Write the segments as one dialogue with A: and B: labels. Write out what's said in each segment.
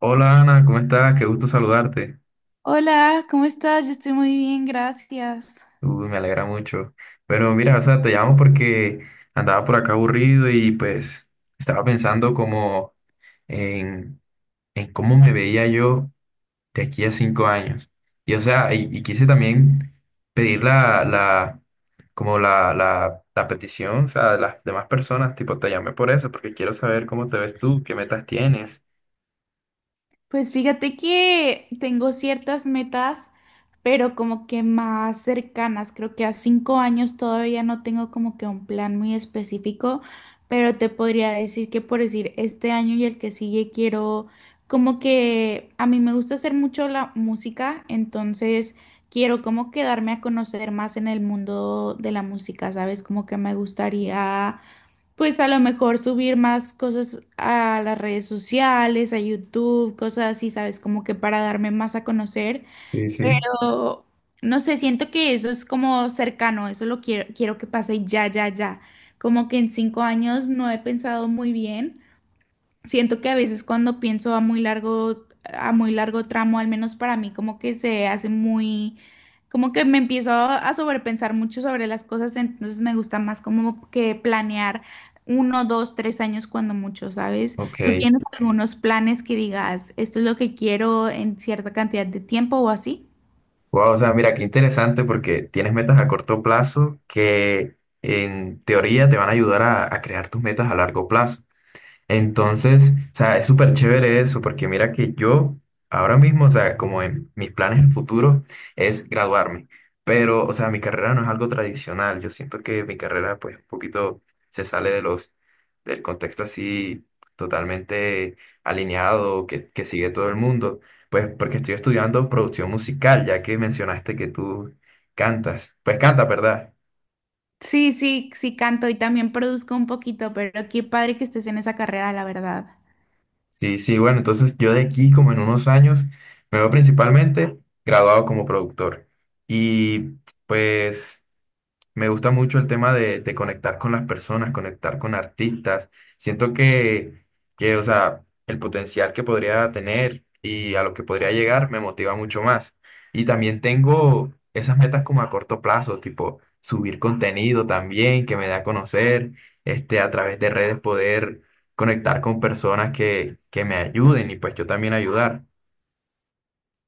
A: Hola Ana, ¿cómo estás? Qué gusto saludarte.
B: Hola, ¿cómo estás? Yo estoy muy bien, gracias.
A: Uy, me alegra mucho. Pero mira, o sea, te llamo porque andaba por acá aburrido y pues estaba pensando como en, en cómo me veía yo de aquí a 5 años. Y o sea, y quise también pedir como la petición, o sea, de las demás personas, tipo, te llamé por eso, porque quiero saber cómo te ves tú, qué metas tienes.
B: Pues fíjate que tengo ciertas metas, pero como que más cercanas. Creo que a 5 años todavía no tengo como que un plan muy específico, pero te podría decir que por decir este año y el que sigue quiero, como que a mí me gusta hacer mucho la música, entonces quiero como que darme a conocer más en el mundo de la música, ¿sabes? Como que me gustaría. Pues a lo mejor subir más cosas a las redes sociales, a YouTube, cosas así, ¿sabes? Como que para darme más a conocer.
A: Sí, sí.
B: Pero no sé, siento que eso es como cercano, eso lo quiero, que pase ya, ya, ya. Como que en 5 años no he pensado muy bien. Siento que a veces cuando pienso a muy largo tramo, al menos para mí, como que se hace muy, como que me empiezo a sobrepensar mucho sobre las cosas, entonces me gusta más como que planear 1, 2, 3 años cuando mucho, ¿sabes? ¿Tú
A: Ok.
B: tienes algunos planes que digas, esto es lo que quiero en cierta cantidad de tiempo o así?
A: Wow, o sea, mira, qué interesante porque tienes metas a corto plazo que en teoría te van a ayudar a crear tus metas a largo plazo. Entonces, o sea, es súper chévere eso, porque mira que yo ahora mismo, o sea, como en mis planes en futuro es graduarme, pero, o sea, mi carrera no es algo tradicional, yo siento que mi carrera pues un poquito se sale de del contexto así totalmente alineado que sigue todo el mundo, pues porque estoy estudiando producción musical, ya que mencionaste que tú cantas, pues canta, ¿verdad?
B: Sí, sí, sí canto y también produzco un poquito, pero qué padre que estés en esa carrera, la verdad.
A: Sí, sí, bueno, entonces yo de aquí como en unos años me veo principalmente graduado como productor. Y pues... Me gusta mucho el tema de conectar con las personas, conectar con artistas. Siento que, o sea, el potencial que podría tener y a lo que podría llegar me motiva mucho más. Y también tengo esas metas como a corto plazo, tipo subir contenido también que me dé a conocer, este, a través de redes poder conectar con personas que me ayuden y pues yo también ayudar.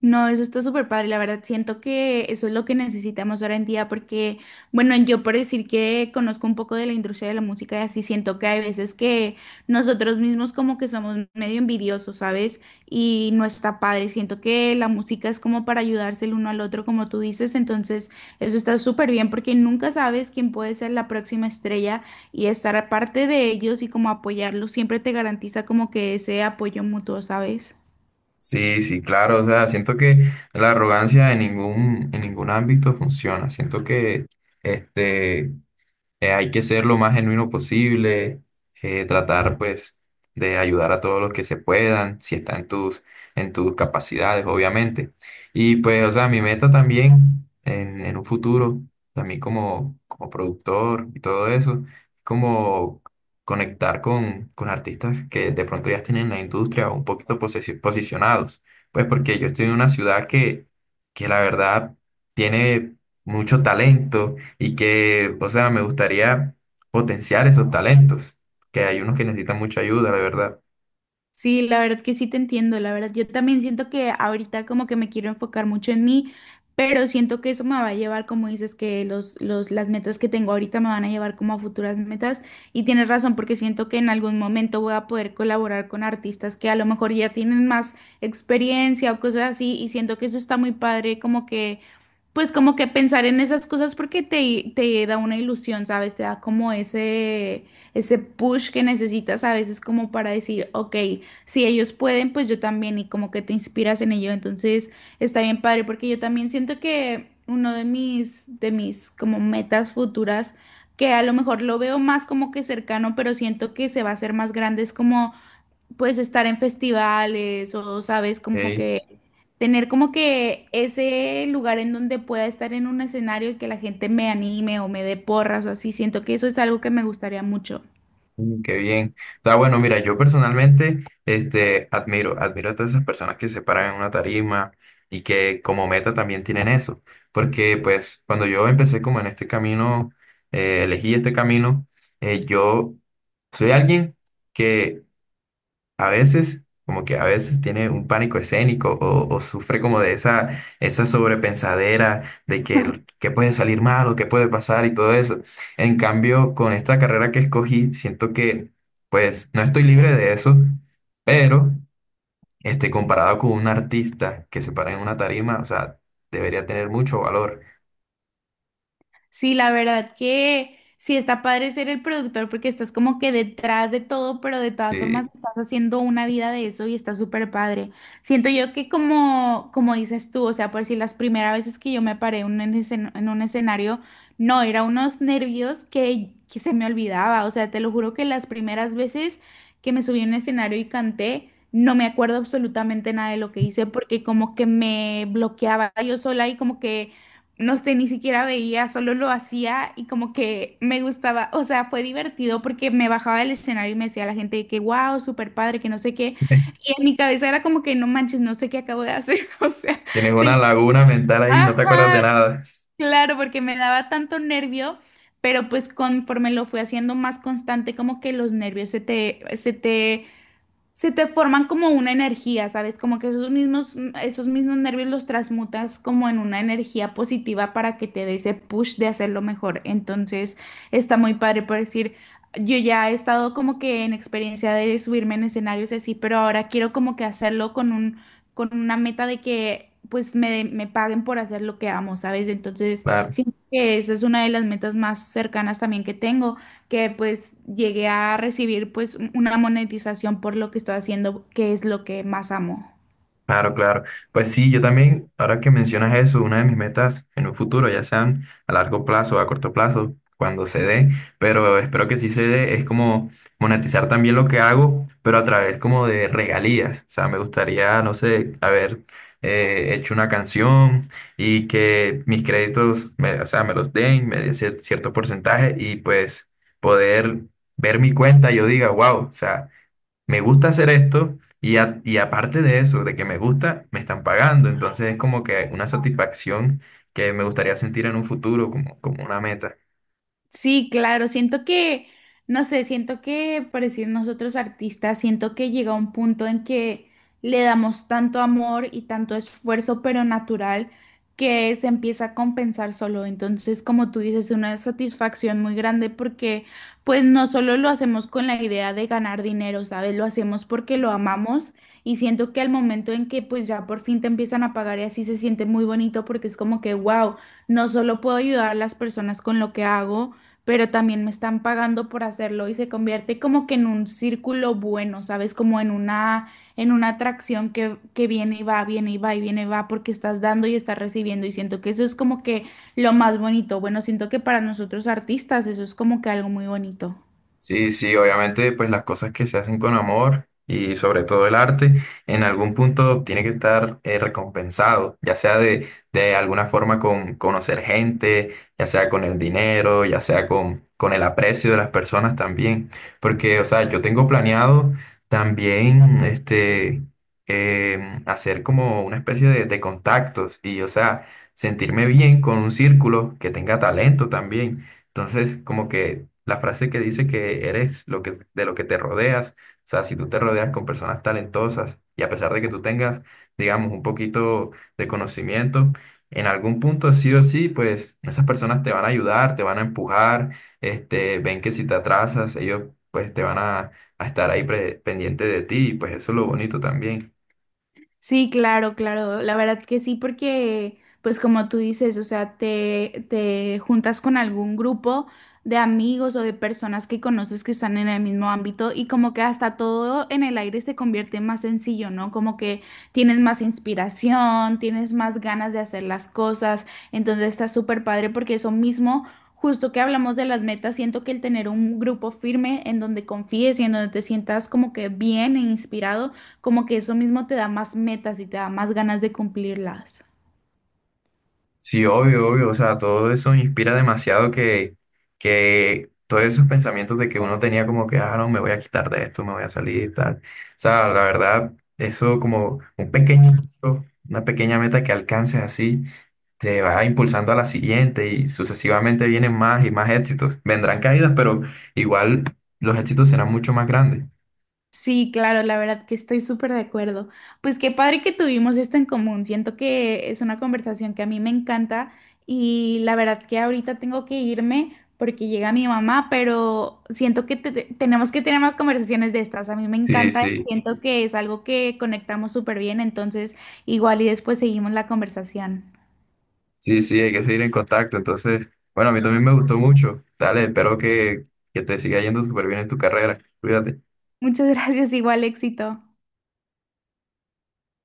B: No, eso está súper padre. La verdad, siento que eso es lo que necesitamos ahora en día porque, bueno, yo por decir que conozco un poco de la industria de la música y así, siento que hay veces que nosotros mismos como que somos medio envidiosos, ¿sabes? Y no está padre. Siento que la música es como para ayudarse el uno al otro, como tú dices. Entonces, eso está súper bien porque nunca sabes quién puede ser la próxima estrella y estar aparte de ellos y como apoyarlos siempre te garantiza como que ese apoyo mutuo, ¿sabes?
A: Sí, sí, claro, o sea, siento que la arrogancia en ningún ámbito funciona. Siento que este, hay que ser lo más genuino posible, tratar pues de ayudar a todos los que se puedan, si está en tus capacidades, obviamente. Y pues, o sea, mi meta también en un futuro, también como productor y todo eso, como conectar con artistas que de pronto ya estén en la industria un poquito posicionados. Pues porque yo estoy en una ciudad que la verdad tiene mucho talento y que, o sea, me gustaría potenciar esos talentos, que hay unos que necesitan mucha ayuda, la verdad.
B: Sí, la verdad que sí te entiendo, la verdad. Yo también siento que ahorita como que me quiero enfocar mucho en mí, pero siento que eso me va a llevar, como dices, que las metas que tengo ahorita me van a llevar como a futuras metas. Y tienes razón, porque siento que en algún momento voy a poder colaborar con artistas que a lo mejor ya tienen más experiencia o cosas así, y siento que eso está muy padre, como que pues como que pensar en esas cosas porque te da una ilusión, ¿sabes? Te da como ese push que necesitas a veces como para decir, ok, si ellos pueden, pues yo también y como que te inspiras en ello. Entonces está bien padre porque yo también siento que uno de mis, como metas futuras, que a lo mejor lo veo más como que cercano, pero siento que se va a hacer más grande, es como pues estar en festivales o, sabes, como
A: Ey.
B: que tener como que ese lugar en donde pueda estar en un escenario y que la gente me anime o me dé porras o así, siento que eso es algo que me gustaría mucho.
A: Qué bien. O sea, bueno, mira, yo personalmente, este, admiro a todas esas personas que se paran en una tarima y que como meta también tienen eso, porque pues cuando yo empecé como en este camino, elegí este camino, yo soy alguien que como que a veces tiene un pánico escénico o sufre como de esa sobrepensadera de que puede salir mal o que puede pasar y todo eso. En cambio, con esta carrera que escogí, siento que pues no estoy libre de eso, pero este, comparado con un artista que se para en una tarima, o sea, debería tener mucho valor.
B: Sí, la verdad que sí está padre ser el productor porque estás como que detrás de todo, pero de todas formas
A: Si
B: estás haciendo una vida de eso y está súper padre. Siento yo que como, dices tú, o sea, por si las primeras veces que yo me paré en un escenario, no, era unos nervios que se me olvidaba. O sea, te lo juro que las primeras veces que me subí a un escenario y canté, no me acuerdo absolutamente nada de lo que hice porque como que me bloqueaba yo sola y como que no sé, ni siquiera veía, solo lo hacía y como que me gustaba, o sea, fue divertido porque me bajaba del escenario y me decía a la gente de que wow, súper padre, que no sé qué, y en mi cabeza era como que no manches, no sé qué acabo de hacer, o sea,
A: tienes una
B: tenía,
A: laguna mental ahí, no te acuerdas de
B: ajá,
A: nada.
B: claro, porque me daba tanto nervio, pero pues conforme lo fui haciendo más constante, como que los nervios se te forman como una energía, ¿sabes? Como que esos mismos, nervios los transmutas como en una energía positiva para que te dé ese push de hacerlo mejor. Entonces, está muy padre por decir, yo ya he estado como que en experiencia de subirme en escenarios así, pero ahora quiero como que hacerlo con una meta de que pues me paguen por hacer lo que amo, ¿sabes? Entonces,
A: Claro.
B: siento que esa es una de las metas más cercanas también que tengo que pues llegué a recibir pues una monetización por lo que estoy haciendo, que es lo que más amo.
A: Claro, claro. Pues sí, yo también, ahora que mencionas eso, una de mis metas en un futuro, ya sean a largo plazo o a corto plazo, cuando se dé, pero espero que sí se dé, es como monetizar también lo que hago, pero a través como de regalías. O sea, me gustaría, no sé, haber hecho una canción y que mis créditos, o sea, me los den, me den cierto porcentaje y pues poder ver mi cuenta, yo diga, wow, o sea me gusta hacer esto y, y aparte de eso, de que me gusta, me están pagando. Entonces es como que una satisfacción que me gustaría sentir en un futuro como, como una meta.
B: Sí, claro, siento que, no sé, siento que, por decir nosotros artistas, siento que llega un punto en que le damos tanto amor y tanto esfuerzo, pero natural, que se empieza a compensar solo. Entonces, como tú dices, una satisfacción muy grande porque, pues, no solo lo hacemos con la idea de ganar dinero, ¿sabes? Lo hacemos porque lo amamos y siento que al momento en que, pues, ya por fin te empiezan a pagar y así se siente muy bonito porque es como que, wow, no solo puedo ayudar a las personas con lo que hago, pero también me están pagando por hacerlo y se convierte como que en un círculo bueno, ¿sabes? Como en una, atracción que viene y va y viene y va porque estás dando y estás recibiendo y siento que eso es como que lo más bonito. Bueno, siento que para nosotros artistas eso es como que algo muy bonito.
A: Sí, sí, obviamente, pues las cosas que se hacen con amor y sobre todo el arte, en algún punto tiene que estar recompensado, ya sea de alguna forma con conocer gente, ya sea con el dinero, ya sea con el aprecio de las personas también. Porque, o sea, yo tengo planeado también este, eh, hacer como una especie de contactos y, o sea, sentirme bien con un círculo que tenga talento también. Entonces, como que la frase que dice que eres lo que, de lo que te rodeas, o sea, si tú te rodeas con personas talentosas y a pesar de que tú tengas, digamos, un poquito de conocimiento, en algún punto sí o sí, pues esas personas te van a ayudar, te van a empujar, este, ven que si te atrasas, ellos pues te van a estar ahí pendiente de ti y pues eso es lo bonito también.
B: Sí, claro, claro. La verdad que sí, porque, pues como tú dices, o sea, te juntas con algún grupo de amigos o de personas que conoces que están en el mismo ámbito y como que hasta todo en el aire se convierte más sencillo, ¿no? Como que tienes más inspiración, tienes más ganas de hacer las cosas. Entonces está súper padre porque eso mismo, justo que hablamos de las metas, siento que el tener un grupo firme en donde confíes y en donde te sientas como que bien e inspirado como que eso mismo te da más metas y te da más ganas de cumplirlas.
A: Sí, obvio, obvio, o sea, todo eso inspira demasiado que todos esos pensamientos de que uno tenía como que, ah, no, me voy a quitar de esto, me voy a salir, tal. O sea, la verdad, eso como un pequeño, logro, una pequeña meta que alcances así, te va impulsando a la siguiente y sucesivamente vienen más y más éxitos. Vendrán caídas, pero igual los éxitos serán mucho más grandes.
B: Sí, claro, la verdad que estoy súper de acuerdo. Pues qué padre que tuvimos esto en común. Siento que es una conversación que a mí me encanta y la verdad que ahorita tengo que irme porque llega mi mamá, pero siento que tenemos que tener más conversaciones de estas. A mí me
A: Sí,
B: encanta,
A: sí.
B: siento que es algo que conectamos súper bien, entonces igual y después seguimos la conversación.
A: Sí, sí, hay que seguir en contacto. Entonces, bueno, a mí también me gustó mucho. Dale, espero que te siga yendo súper bien en tu carrera. Cuídate.
B: Muchas gracias, igual éxito.